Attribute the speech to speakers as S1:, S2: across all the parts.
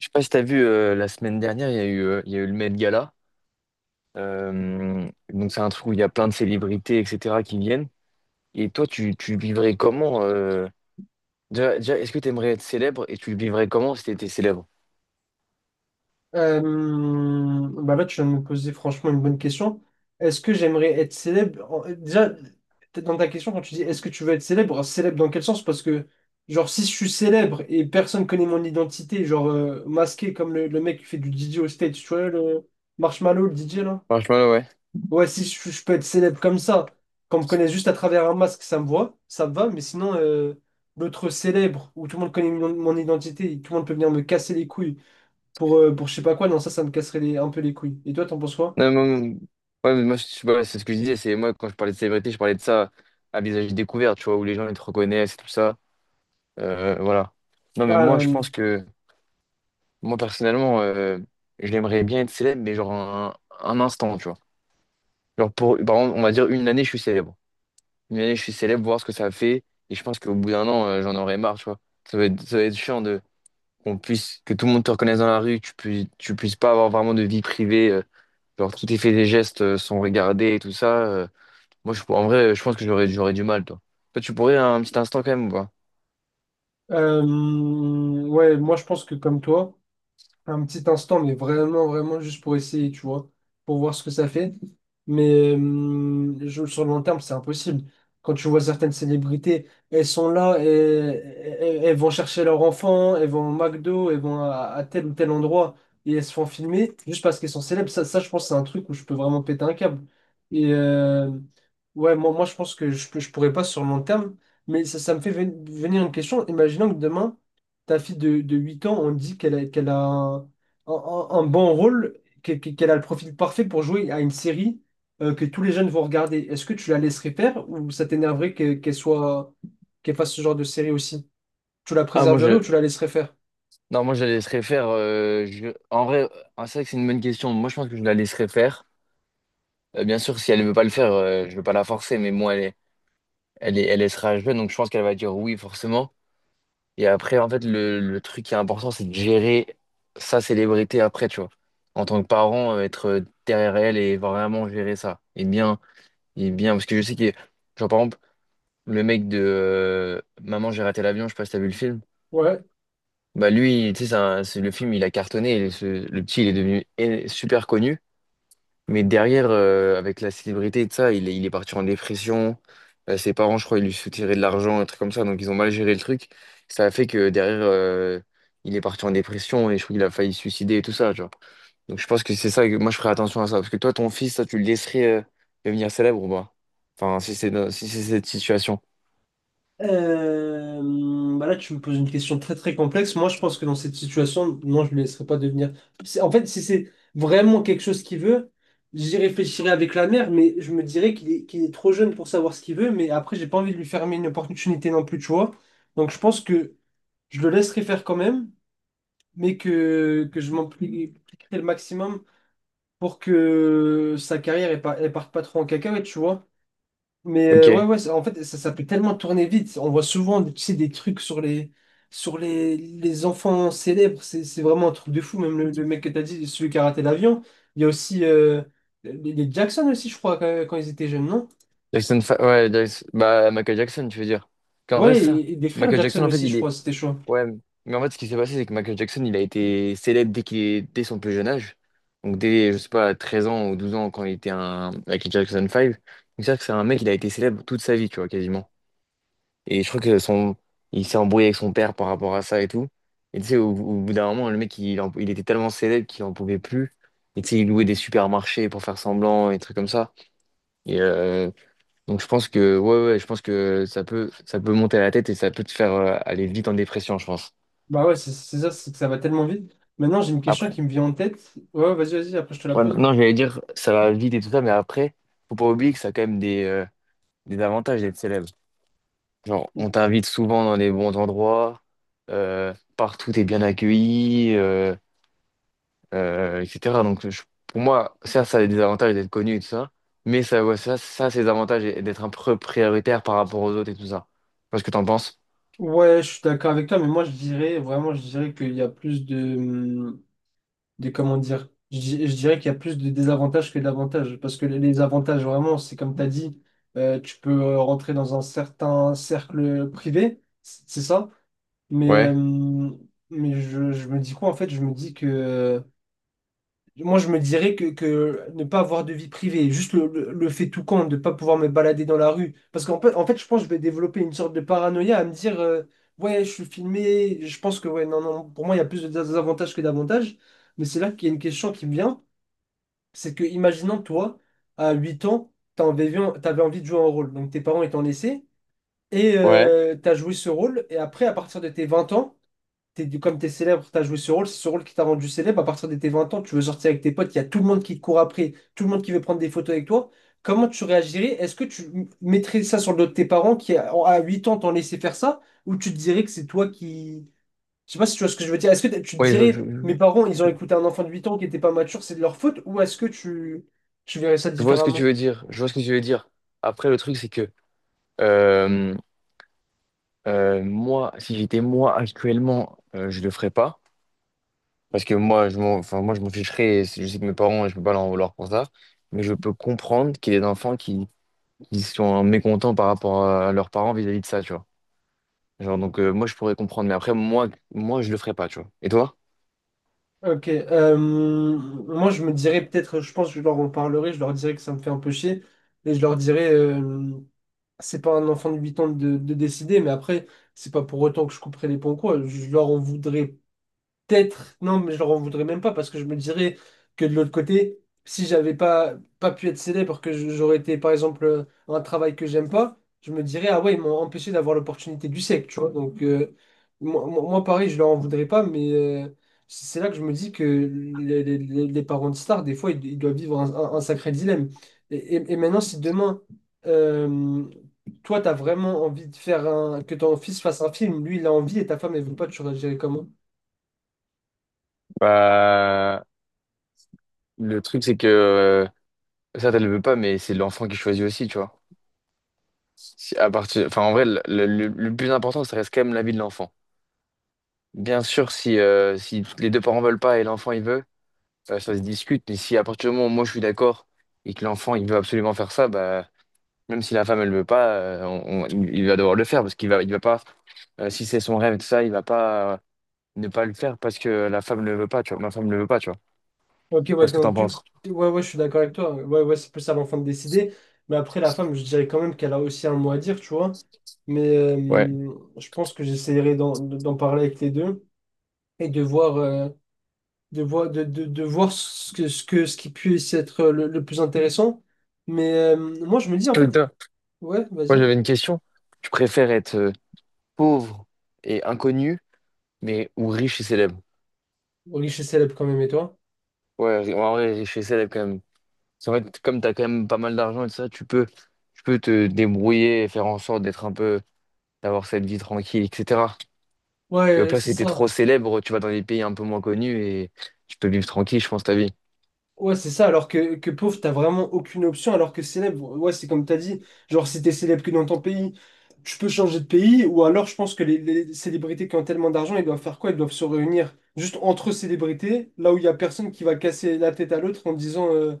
S1: Je sais pas si t'as vu la semaine dernière, il y a eu, il y a eu le Met Gala. Donc c'est un truc où il y a plein de célébrités, etc. qui viennent. Et toi, tu vivrais comment déjà, est-ce que tu aimerais être célèbre et tu le vivrais comment si t'étais célèbre?
S2: Euh, Bah là, tu viens de me poser franchement une bonne question. Est-ce que j'aimerais être célèbre? Déjà, peut-être dans ta question, quand tu dis est-ce que tu veux être célèbre, célèbre dans quel sens? Parce que, genre, si je suis célèbre et personne connaît mon identité, genre masqué comme le mec qui fait du DJ au stage, tu vois, le Marshmallow, le DJ là?
S1: Franchement, ouais.
S2: Ouais, si je peux être célèbre comme ça, qu'on me connaisse juste à travers un masque, ça me voit, ça me va, mais sinon, l'autre célèbre où tout le monde connaît mon identité, tout le monde peut venir me casser les couilles pour je sais pas quoi, non, ça me casserait un peu les couilles. Et toi, t'en penses quoi?
S1: Non, mais moi, ouais, mais moi, je sais pas, c'est ce que je disais. C'est moi quand je parlais de célébrité, je parlais de ça à visage découvert, tu vois, où les gens ils te reconnaissent et tout ça. Voilà. Non, mais
S2: Ah,
S1: moi, je pense que moi personnellement, j'aimerais bien être célèbre, mais genre un instant, tu vois. Genre pour, par exemple, on va dire une année, je suis célèbre. Une année, je suis célèbre, voir ce que ça fait. Et je pense qu'au bout d'un an, j'en aurais marre, tu vois. Ça va être chiant de qu'on puisse, que tout le monde te reconnaisse dans la rue, que tu puisses pas avoir vraiment de vie privée. Genre, tous tes faits et gestes sont regardés et tout ça. Moi, en vrai, je pense que j'aurais du mal, toi. Toi, tu pourrais un petit instant quand même ou pas?
S2: ouais, moi, je pense que comme toi. Un petit instant, mais vraiment, vraiment juste pour essayer, tu vois, pour voir ce que ça fait. Mais sur le long terme, c'est impossible. Quand tu vois certaines célébrités, elles sont là, et, elles vont chercher leur enfant, elles vont au McDo, elles vont à tel ou tel endroit, et elles se font filmer juste parce qu'elles sont célèbres. Ça, je pense, c'est un truc où je peux vraiment péter un câble. Et ouais, moi, je pense que je pourrais pas sur le long terme, mais ça me fait venir une question. Imaginons que demain, ta fille de 8 ans, on dit qu'elle a un bon rôle, qu'elle a le profil parfait pour jouer à une série que tous les jeunes vont regarder. Est-ce que tu la laisserais faire ou ça t'énerverait qu'elle fasse ce genre de série aussi? Tu la
S1: Ah,
S2: préserverais ou tu la laisserais faire?
S1: non, moi, je la laisserais faire. En vrai, ah, c'est vrai que c'est une bonne question. Moi, je pense que je la laisserais faire. Bien sûr, si elle ne veut pas le faire, je ne veux pas la forcer, mais moi, elle est. elle est, elle elle sera jeune, donc je pense qu'elle va dire oui, forcément. Et après, en fait, le truc qui est important, c'est de gérer sa célébrité après, tu vois. En tant que parent, être derrière elle et vraiment gérer ça. Et bien, parce que je sais que, genre, par exemple, le mec de Maman, j'ai raté l'avion, je sais pas si t'as vu le film.
S2: Ouais.
S1: Bah, lui, tu sais, le film, il a cartonné et le petit, il est devenu super connu. Mais derrière, avec la célébrité et tout ça, il est parti en dépression. Ses parents, je crois, ils lui soutiraient de l'argent, un truc comme ça. Donc, ils ont mal géré le truc. Ça a fait que derrière, il est parti en dépression et je trouve qu'il a failli se suicider et tout ça, tu vois. Donc, je pense que c'est ça que moi, je ferais attention à ça. Parce que toi, ton fils, ça, tu le laisserais devenir célèbre ou pas? Enfin, si c'est cette situation.
S2: Bah là, tu me poses une question très très complexe. Moi, je pense que dans cette situation, non, je ne le laisserai pas devenir. En fait, si c'est vraiment quelque chose qu'il veut, j'y réfléchirai avec la mère, mais je me dirais qu'il est trop jeune pour savoir ce qu'il veut. Mais après, j'ai pas envie de lui fermer une opportunité non plus, tu vois. Donc, je pense que je le laisserai faire quand même, mais que je m'impliquerai le maximum pour que sa carrière ne parte pas trop en cacahuète, tu vois. Mais ouais,
S1: Ok.
S2: ouais, en fait, ça peut tellement tourner vite. On voit souvent, tu sais, des trucs sur les enfants célèbres. C'est vraiment un truc de fou. Même le mec que t'as dit, celui qui a raté l'avion. Il y a aussi les Jackson aussi, je crois, quand ils étaient jeunes, non?
S1: Jackson, Fa- ouais, Jackson- bah, Michael Jackson, tu veux dire. Qu'en vrai,
S2: Ouais,
S1: c'est ça.
S2: et des frères
S1: Michael Jackson,
S2: Jackson
S1: en fait,
S2: aussi,
S1: il
S2: je crois,
S1: est.
S2: c'était chaud.
S1: Ouais, mais en fait, ce qui s'est passé, c'est que Michael Jackson, il a été célèbre dès son plus jeune âge. Donc, dès, je sais pas, 13 ans ou 12 ans, quand il était un Michael Jackson 5. Donc, c'est-à-dire que c'est un mec, il a été célèbre toute sa vie, tu vois, quasiment. Et je crois que il s'est embrouillé avec son père par rapport à ça et tout. Et tu sais, au bout d'un moment, le mec, il était tellement célèbre qu'il en pouvait plus. Et tu sais, il louait des supermarchés pour faire semblant et des trucs comme ça. Et donc, je pense que, ouais, je pense que ça peut monter à la tête et ça peut te faire aller vite en dépression, je pense.
S2: Bah ouais, c'est ça, c'est que ça va tellement vite. Maintenant, j'ai une question qui me vient en tête. Ouais, vas-y, vas-y, après je te la
S1: Ouais,
S2: pose.
S1: non, j'allais dire, ça va vite et tout ça, mais après, faut pas oublier que ça a quand même des avantages d'être célèbre. Genre, on t'invite souvent dans les bons endroits, partout t'es bien accueilli, etc. Pour moi, ça a des avantages d'être connu et tout ça, mais ça, c'est des avantages d'être un peu prioritaire par rapport aux autres et tout ça. Tu vois ce que t'en penses?
S2: Ouais, je suis d'accord avec toi, mais moi je dirais vraiment, je dirais qu'il y a plus de, comment dire, je dirais qu'il y a plus de désavantages que d'avantages. Parce que les avantages, vraiment, c'est comme tu as dit, tu peux rentrer dans un certain cercle privé, c'est ça. Mais, euh,
S1: Ouais.
S2: mais je me dis quoi en fait? Je me dis que moi, je me dirais que ne pas avoir de vie privée, juste le fait tout compte, de ne pas pouvoir me balader dans la rue. Parce qu'en fait, je pense que je vais développer une sorte de paranoïa à me dire, ouais, je suis filmé, je pense que, ouais, non, non, pour moi, il y a plus de désavantages que d'avantages. Mais c'est là qu'il y a une question qui me vient, c'est que, imaginons, toi, à 8 ans, tu avais, envie de jouer un rôle. Donc, tes parents ils t'ont laissé, et
S1: Ouais.
S2: tu as joué ce rôle, et après, à partir de tes 20 ans, comme t'es célèbre, t'as joué ce rôle, c'est ce rôle qui t'a rendu célèbre. À partir de tes 20 ans, tu veux sortir avec tes potes, il y a tout le monde qui te court après, tout le monde qui veut prendre des photos avec toi. Comment tu réagirais? Est-ce que tu mettrais ça sur le dos de tes parents qui, à 8 ans, t'ont laissé faire ça? Ou tu te dirais que c'est toi qui. Je sais pas si tu vois ce que je veux dire. Est-ce que tu te
S1: Oui,
S2: dirais, mes parents, ils ont
S1: je-
S2: écouté un enfant de 8 ans qui n'était pas mature, c'est de leur faute? Ou est-ce que tu verrais ça
S1: je vois ce que tu
S2: différemment?
S1: veux dire. Je vois ce que tu veux dire. Après, le truc, c'est que euh, moi, si j'étais moi actuellement, je le ferais pas. Parce que moi, je m'en ficherais. Et je sais que mes parents, je peux pas leur en vouloir pour ça. Mais je peux comprendre qu'il y ait des enfants qui sont mécontents par rapport à leurs parents vis-à-vis de ça, tu vois. Moi, je pourrais comprendre. Mais après, moi, je le ferais pas, tu vois. Et toi?
S2: Ok, moi je me dirais peut-être, je pense que je leur en parlerai, je leur dirais que ça me fait un peu chier, et je leur dirais, c'est pas un enfant de 8 ans de décider, mais après, c'est pas pour autant que je couperai les ponts, quoi. Je leur en voudrais peut-être, non, mais je leur en voudrais même pas parce que je me dirais que de l'autre côté, si j'avais pas pu être célèbre, que j'aurais été par exemple un travail que j'aime pas, je me dirais, ah ouais, ils m'ont empêché d'avoir l'opportunité du siècle, tu vois. Donc, moi, pareil, je leur en voudrais pas, mais c'est là que je me dis que les parents de stars, des fois, ils doivent vivre un sacré dilemme. Et maintenant, si demain, euh, toi, t'as vraiment envie de que ton fils fasse un film, lui, il a envie et ta femme, elle veut pas, tu réagirais comment?
S1: Bah, le truc, c'est que ça, tu le veux pas, mais c'est l'enfant qui choisit aussi, tu vois. Si- à partir, enfin, en vrai, le- Le plus important, ça reste quand même la vie de l'enfant. Bien sûr, si, si les deux parents veulent pas et l'enfant il veut, ça se discute, mais si à partir du moment où moi je suis d'accord et que l'enfant il veut absolument faire ça, bah, même si la femme elle veut pas, il va devoir le faire parce qu'il va pas, si c'est son rêve et tout ça, il va pas ne pas le faire parce que la femme ne le veut pas, tu vois, ma femme ne le veut pas, tu vois.
S2: Ok, ouais,
S1: Qu'est-ce que t'en
S2: donc
S1: penses?
S2: ouais, ouais, je suis d'accord avec toi. Ouais, ouais, c'est plus à l'enfant de décider. Mais après, la femme, je dirais quand même qu'elle a aussi un mot à dire, tu vois. Mais
S1: Ouais.
S2: je pense que j'essaierai d'en parler avec les deux et de voir, de voir ce qui puisse être le plus intéressant. Mais moi, je me dis, en
S1: Toi,
S2: fait,
S1: toi,
S2: ouais,
S1: Moi
S2: vas-y.
S1: j'avais une question. Tu préfères être pauvre et inconnu, mais ou riche et célèbre?
S2: Riche et célèbre quand même, et toi?
S1: Ouais, en vrai, riche et célèbre quand même. Parce qu'en fait, comme t'as quand même pas mal d'argent et tout ça, tu peux te débrouiller et faire en sorte d'être un peu. D'avoir cette vie tranquille, etc. Et au
S2: Ouais,
S1: pire,
S2: c'est
S1: si t'es trop
S2: ça.
S1: célèbre, tu vas dans des pays un peu moins connus et tu peux vivre tranquille, je pense, ta vie.
S2: Ouais, c'est ça, alors que pauvre, t'as vraiment aucune option, alors que célèbre, ouais, c'est comme t'as dit, genre si t'es célèbre que dans ton pays, tu peux changer de pays, ou alors je pense que les célébrités qui ont tellement d'argent, ils doivent faire quoi? Ils doivent se réunir juste entre célébrités, là où il y a personne qui va casser la tête à l'autre en disant euh,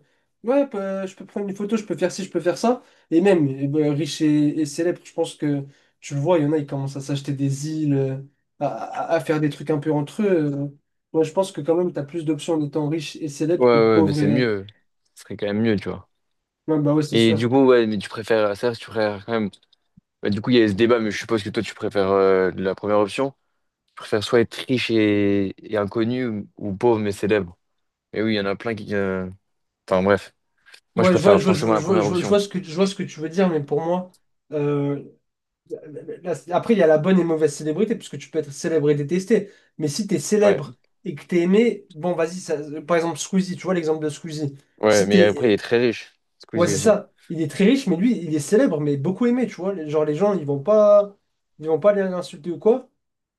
S2: Ouais, bah, je peux prendre une photo, je peux faire ci, je peux faire ça. Et même, eh ben, riches et célèbres, je pense que tu le vois, il y en a, ils commencent à s'acheter des îles, à faire des trucs un peu entre eux. euh. Ouais, je pense que quand même, tu as plus d'options en étant riche et
S1: Ouais,
S2: célèbre que
S1: ouais, mais
S2: pauvre
S1: c'est
S2: et.
S1: mieux. Ce serait quand même mieux, tu vois.
S2: Ouais, bah ouais, c'est
S1: Et
S2: sûr.
S1: du coup, ouais, mais tu préfères quand même. Bah, du coup, il y a ce débat, mais je suppose que toi, tu préfères la première option. Tu préfères soit être riche et inconnu ou pauvre mais célèbre. Mais oui, il y en a plein qui. Enfin, bref. Moi, je
S2: Ouais, je vois,
S1: préfère forcément la première option.
S2: je vois ce que, tu veux dire, mais pour moi, euh, après, il y a la bonne et mauvaise célébrité, puisque tu peux être célèbre et détesté. Mais si tu es
S1: Ouais,
S2: célèbre et que tu es aimé, bon, vas-y, par exemple, Squeezie, tu vois l'exemple de Squeezie.
S1: ouais,
S2: Si
S1: mais après, il est
S2: t'es.
S1: très riche.
S2: Ouais,
S1: Squeezie
S2: c'est
S1: aussi.
S2: ça. Il est très riche, mais lui, il est célèbre, mais beaucoup aimé, tu vois. Genre, les gens, ils vont pas, aller l'insulter ou quoi.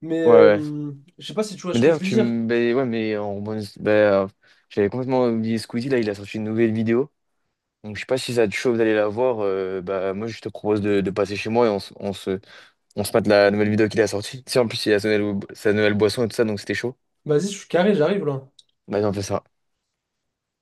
S2: Mais
S1: Ouais, ouais.
S2: je sais pas si tu vois
S1: Mais
S2: ce que je
S1: d'ailleurs,
S2: veux
S1: tu
S2: dire.
S1: me. Ben ouais, mais en bonne. Ben, euh, j'avais complètement oublié Squeezie, là, il a sorti une nouvelle vidéo. Donc, je sais pas si ça te chauffe d'aller la voir. Bah, moi, je te propose de passer chez moi et on se mate la nouvelle vidéo qu'il a sortie. Tu sais, en plus, il a sa nouvelle boisson et tout ça, donc c'était chaud.
S2: Vas-y, je suis carré, j'arrive là.
S1: Vas-y, on fait ça.